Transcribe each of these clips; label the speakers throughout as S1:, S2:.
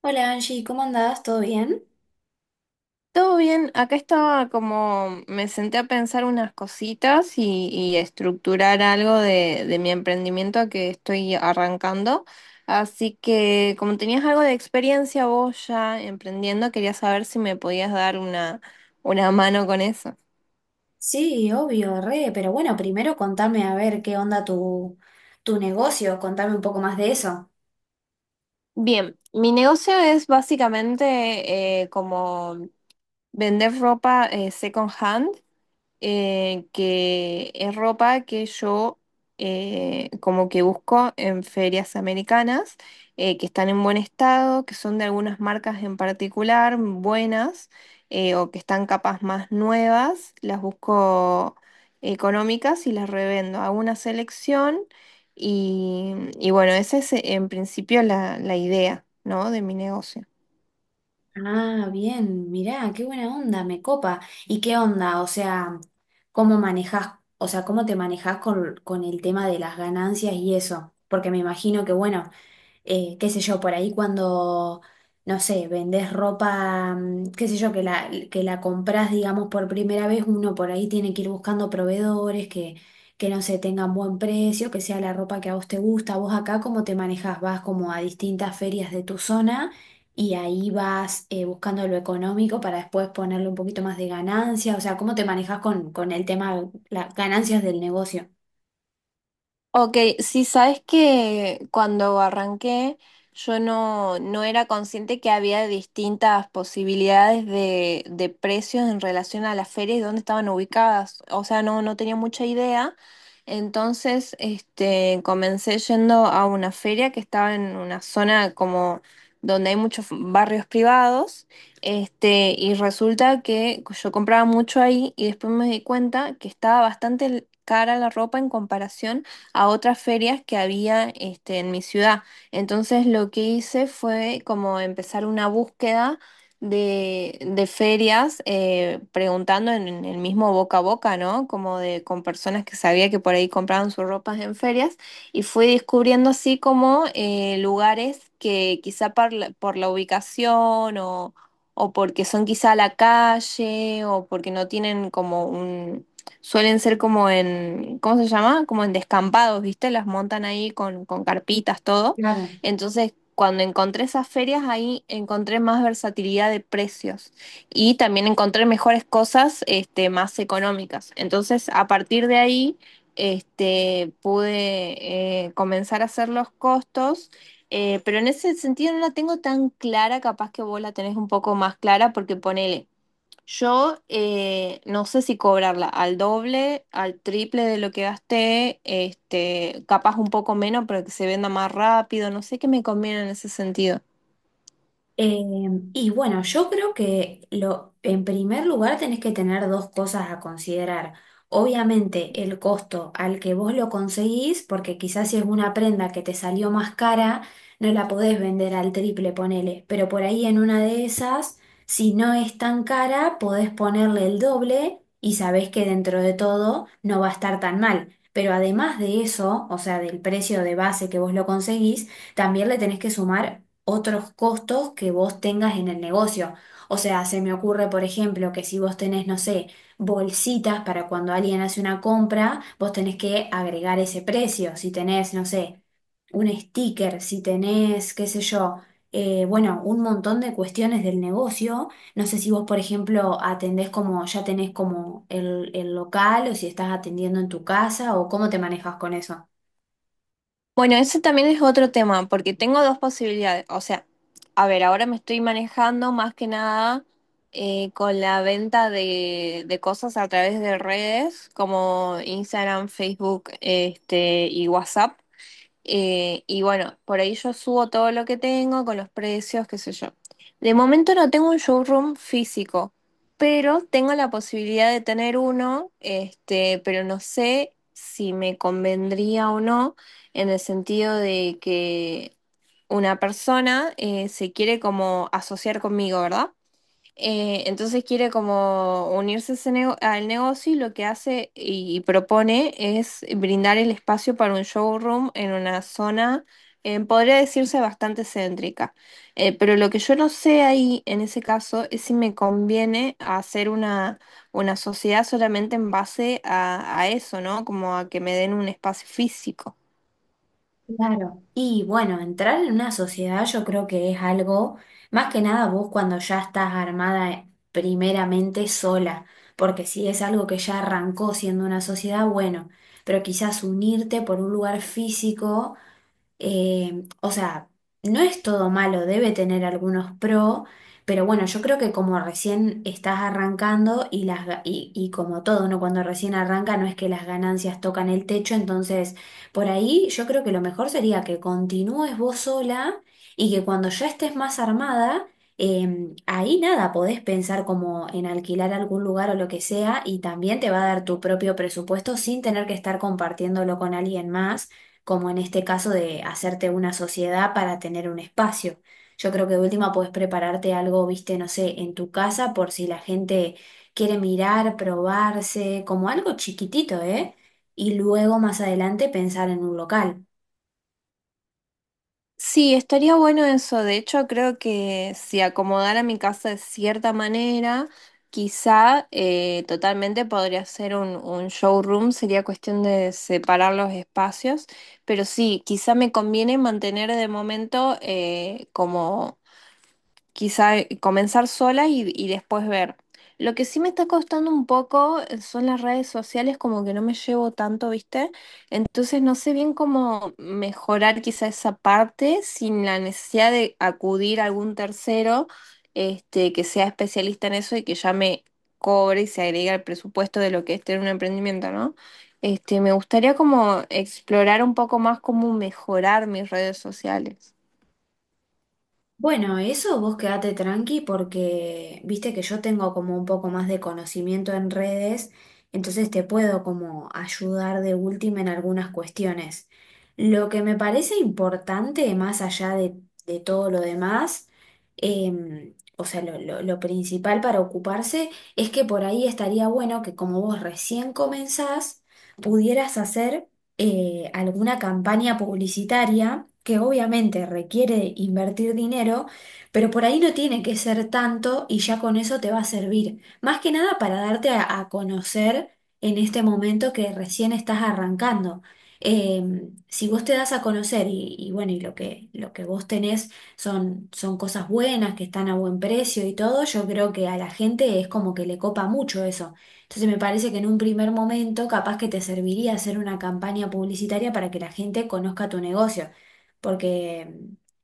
S1: Hola Angie, ¿cómo andás? ¿Todo bien?
S2: Todo bien, acá estaba como, me senté a pensar unas cositas y a estructurar algo de mi emprendimiento que estoy arrancando. Así que como tenías algo de experiencia vos ya emprendiendo, quería saber si me podías dar una mano con eso.
S1: Sí, obvio, re, pero bueno, primero contame a ver qué onda tu negocio, contame un poco más de eso.
S2: Bien, mi negocio es básicamente como vender ropa second hand, que es ropa que yo como que busco en ferias americanas, que están en buen estado, que son de algunas marcas en particular buenas, o que están capas más nuevas, las busco económicas y las revendo. Hago una selección y, y bueno, esa es en principio la idea, ¿no? De mi negocio.
S1: Ah, bien, mirá, qué buena onda, me copa. ¿Y qué onda? O sea, ¿cómo manejás, o sea, cómo te manejás con el tema de las ganancias y eso? Porque me imagino que, bueno, qué sé yo, por ahí cuando, no sé, vendés ropa, qué sé yo, que la comprás, digamos, por primera vez, uno por ahí tiene que ir buscando proveedores que no se tengan buen precio, que sea la ropa que a vos te gusta. Vos acá, ¿cómo te manejás? Vas como a distintas ferias de tu zona y ahí vas buscando lo económico para después ponerle un poquito más de ganancia. O sea, ¿cómo te manejás con el tema, las ganancias del negocio?
S2: Ok, sí, sabes que cuando arranqué yo no era consciente que había distintas posibilidades de precios en relación a las ferias y dónde estaban ubicadas. O sea, no tenía mucha idea. Entonces, este, comencé yendo a una feria que estaba en una zona como donde hay muchos barrios privados. Este, y resulta que yo compraba mucho ahí y después me di cuenta que estaba bastante cara la ropa en comparación a otras ferias que había, este, en mi ciudad. Entonces lo que hice fue como empezar una búsqueda de ferias, preguntando en el mismo boca a boca, ¿no? Como de con personas que sabía que por ahí compraban sus ropas en ferias, y fui descubriendo así como lugares que quizá por la ubicación, o porque son quizá a la calle, o porque no tienen como un, suelen ser como en, ¿cómo se llama? Como en descampados, ¿viste? Las montan ahí con carpitas, todo.
S1: Claro.
S2: Entonces, cuando encontré esas ferias, ahí encontré más versatilidad de precios y también encontré mejores cosas, este, más económicas. Entonces, a partir de ahí, este, pude, comenzar a hacer los costos. Pero en ese sentido no la tengo tan clara, capaz que vos la tenés un poco más clara, porque ponele, yo, no sé si cobrarla al doble, al triple de lo que gasté, este, capaz un poco menos, pero que se venda más rápido, no sé qué me conviene en ese sentido.
S1: Eh, y bueno, yo creo que lo, en primer lugar tenés que tener dos cosas a considerar. Obviamente el costo al que vos lo conseguís, porque quizás si es una prenda que te salió más cara, no la podés vender al triple, ponele. Pero por ahí en una de esas, si no es tan cara, podés ponerle el doble y sabés que dentro de todo no va a estar tan mal. Pero además de eso, o sea, del precio de base que vos lo conseguís, también le tenés que sumar otros costos que vos tengas en el negocio. O sea, se me ocurre, por ejemplo, que si vos tenés, no sé, bolsitas para cuando alguien hace una compra, vos tenés que agregar ese precio. Si tenés, no sé, un sticker, si tenés, qué sé yo, bueno, un montón de cuestiones del negocio. No sé si vos, por ejemplo, atendés como, ya tenés como el local o si estás atendiendo en tu casa o cómo te manejas con eso.
S2: Bueno, ese también es otro tema, porque tengo dos posibilidades. O sea, a ver, ahora me estoy manejando más que nada, con la venta de cosas a través de redes como Instagram, Facebook, este, y WhatsApp. Y bueno, por ahí yo subo todo lo que tengo con los precios, qué sé yo. De momento no tengo un showroom físico, pero tengo la posibilidad de tener uno, este, pero no sé si me convendría o no, en el sentido de que una persona se quiere como asociar conmigo, ¿verdad? Entonces quiere como unirse a ese al negocio, y lo que hace y propone es brindar el espacio para un showroom en una zona podría decirse bastante céntrica. Pero lo que yo no sé ahí en ese caso es si me conviene hacer una sociedad solamente en base a eso, ¿no? Como a que me den un espacio físico.
S1: Claro, y bueno, entrar en una sociedad yo creo que es algo, más que nada vos cuando ya estás armada primeramente sola, porque si es algo que ya arrancó siendo una sociedad, bueno, pero quizás unirte por un lugar físico o sea, no es todo malo, debe tener algunos pro, pero bueno, yo creo que como recién estás arrancando y como todo, ¿no? Cuando recién arranca no es que las ganancias tocan el techo, entonces por ahí yo creo que lo mejor sería que continúes vos sola y que cuando ya estés más armada, ahí nada, podés pensar como en alquilar algún lugar o lo que sea y también te va a dar tu propio presupuesto sin tener que estar compartiéndolo con alguien más como en este caso de hacerte una sociedad para tener un espacio. Yo creo que de última podés prepararte algo, viste, no sé, en tu casa por si la gente quiere mirar, probarse, como algo chiquitito, ¿eh? Y luego más adelante pensar en un local.
S2: Sí, estaría bueno eso. De hecho, creo que si acomodara mi casa de cierta manera, quizá, totalmente podría ser un showroom. Sería cuestión de separar los espacios. Pero sí, quizá me conviene mantener de momento, como quizá, comenzar sola y después ver. Lo que sí me está costando un poco, son las redes sociales, como que no me llevo tanto, ¿viste? Entonces no sé bien cómo mejorar quizá esa parte sin la necesidad de acudir a algún tercero, este, que sea especialista en eso y que ya me cobre y se agrega al presupuesto de lo que es tener un emprendimiento, ¿no? Este, me gustaría como explorar un poco más cómo mejorar mis redes sociales.
S1: Bueno, eso vos quedate tranqui porque viste que yo tengo como un poco más de conocimiento en redes, entonces te puedo como ayudar de última en algunas cuestiones. Lo que me parece importante, más allá de todo lo demás, o sea, lo principal para ocuparse es que por ahí estaría bueno que como vos recién comenzás, pudieras hacer alguna campaña publicitaria que obviamente requiere invertir dinero, pero por ahí no tiene que ser tanto y ya con eso te va a servir. Más que nada para darte a conocer en este momento que recién estás arrancando. Eh, si vos te das a conocer y bueno, y lo que vos tenés son cosas buenas, que están a buen precio y todo, yo creo que a la gente es como que le copa mucho eso. Entonces me parece que en un primer momento capaz que te serviría hacer una campaña publicitaria para que la gente conozca tu negocio. Porque,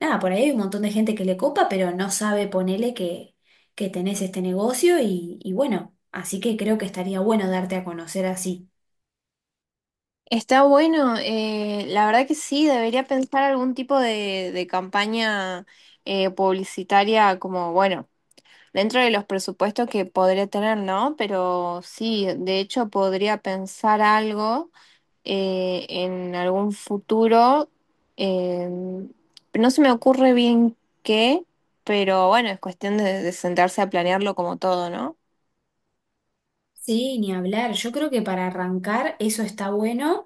S1: nada, por ahí hay un montón de gente que le copa, pero no sabe ponele que tenés este negocio y bueno, así que creo que estaría bueno darte a conocer así.
S2: Está bueno, la verdad que sí, debería pensar algún tipo de campaña publicitaria como, bueno, dentro de los presupuestos que podría tener, ¿no? Pero sí, de hecho podría pensar algo en algún futuro. eh, no se me ocurre bien qué, pero bueno, es cuestión de sentarse a planearlo como todo, ¿no?
S1: Sí, ni hablar. Yo creo que para arrancar eso está bueno.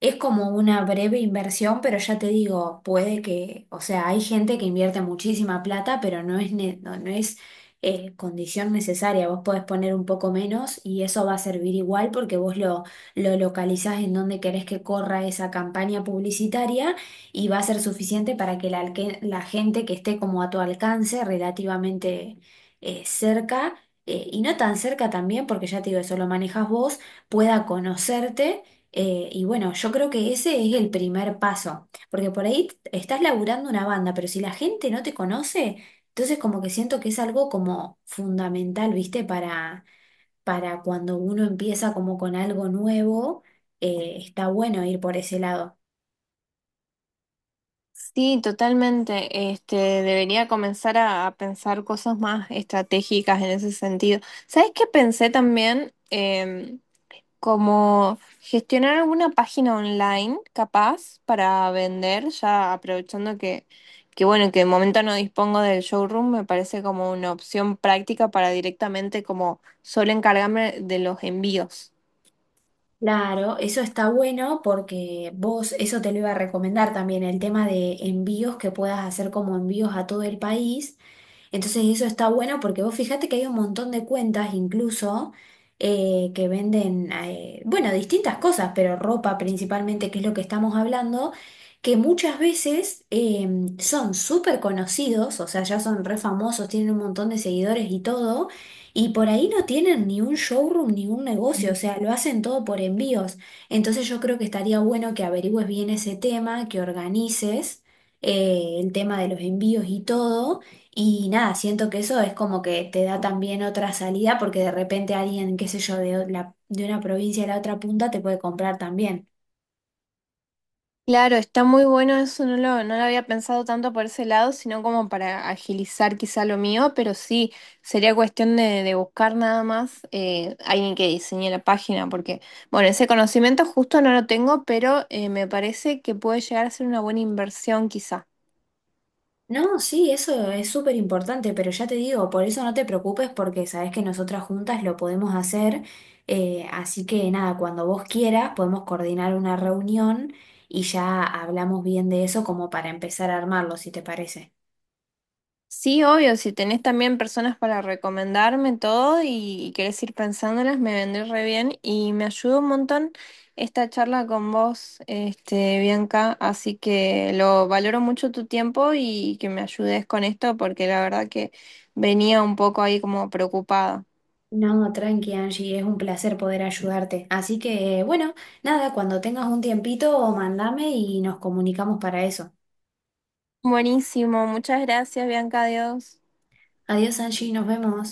S1: Es como una breve inversión, pero ya te digo, puede que, o sea, hay gente que invierte muchísima plata, pero no es, no es condición necesaria. Vos podés poner un poco menos y eso va a servir igual porque lo localizás en donde querés que corra esa campaña publicitaria y va a ser suficiente para que la gente que esté como a tu alcance relativamente cerca, y no tan cerca también, porque ya te digo, eso lo manejas vos, pueda conocerte y bueno, yo creo que ese es el primer paso, porque por ahí t- estás laburando una banda, pero si la gente no te conoce, entonces como que siento que es algo como fundamental, ¿viste? Para cuando uno empieza como con algo nuevo, está bueno ir por ese lado.
S2: Sí, totalmente. Este, debería comenzar a pensar cosas más estratégicas en ese sentido. ¿Sabes qué pensé también? Em, como gestionar alguna página online capaz para vender, ya aprovechando que bueno, que de momento no dispongo del showroom, me parece como una opción práctica para directamente como solo encargarme de los envíos.
S1: Claro, eso está bueno porque vos, eso te lo iba a recomendar también, el tema de envíos que puedas hacer como envíos a todo el país. Entonces eso está bueno porque vos fijate que hay un montón de cuentas incluso que venden, bueno, distintas cosas, pero ropa principalmente, que es lo que estamos hablando, que muchas veces son súper conocidos, o sea, ya son re famosos, tienen un montón de seguidores y todo, y por ahí no tienen ni un showroom ni un negocio, o sea, lo hacen todo por envíos. Entonces yo creo que estaría bueno que averigües bien ese tema, que organices el tema de los envíos y todo y nada, siento que eso es como que te da también otra salida porque de repente alguien, qué sé yo, de una provincia a la otra punta te puede comprar también.
S2: Claro, está muy bueno eso, no lo había pensado tanto por ese lado, sino como para agilizar quizá lo mío, pero sí, sería cuestión de buscar nada más, alguien que diseñe la página, porque, bueno, ese conocimiento justo no lo tengo, pero me parece que puede llegar a ser una buena inversión quizá.
S1: No, sí, eso es súper importante, pero ya te digo, por eso no te preocupes porque sabes que nosotras juntas lo podemos hacer. Así que nada, cuando vos quieras podemos coordinar una reunión y ya hablamos bien de eso como para empezar a armarlo, si te parece.
S2: Sí, obvio, si tenés también personas para recomendarme todo y querés ir pensándolas, me vendré re bien y me ayudó un montón esta charla con vos, este, Bianca, así que lo valoro mucho tu tiempo y que me ayudes con esto porque la verdad que venía un poco ahí como preocupada.
S1: No, tranqui Angie, es un placer poder ayudarte. Así que, bueno, nada, cuando tengas un tiempito, mandame y nos comunicamos para eso.
S2: Buenísimo, muchas gracias, Bianca, adiós.
S1: Adiós Angie, nos vemos.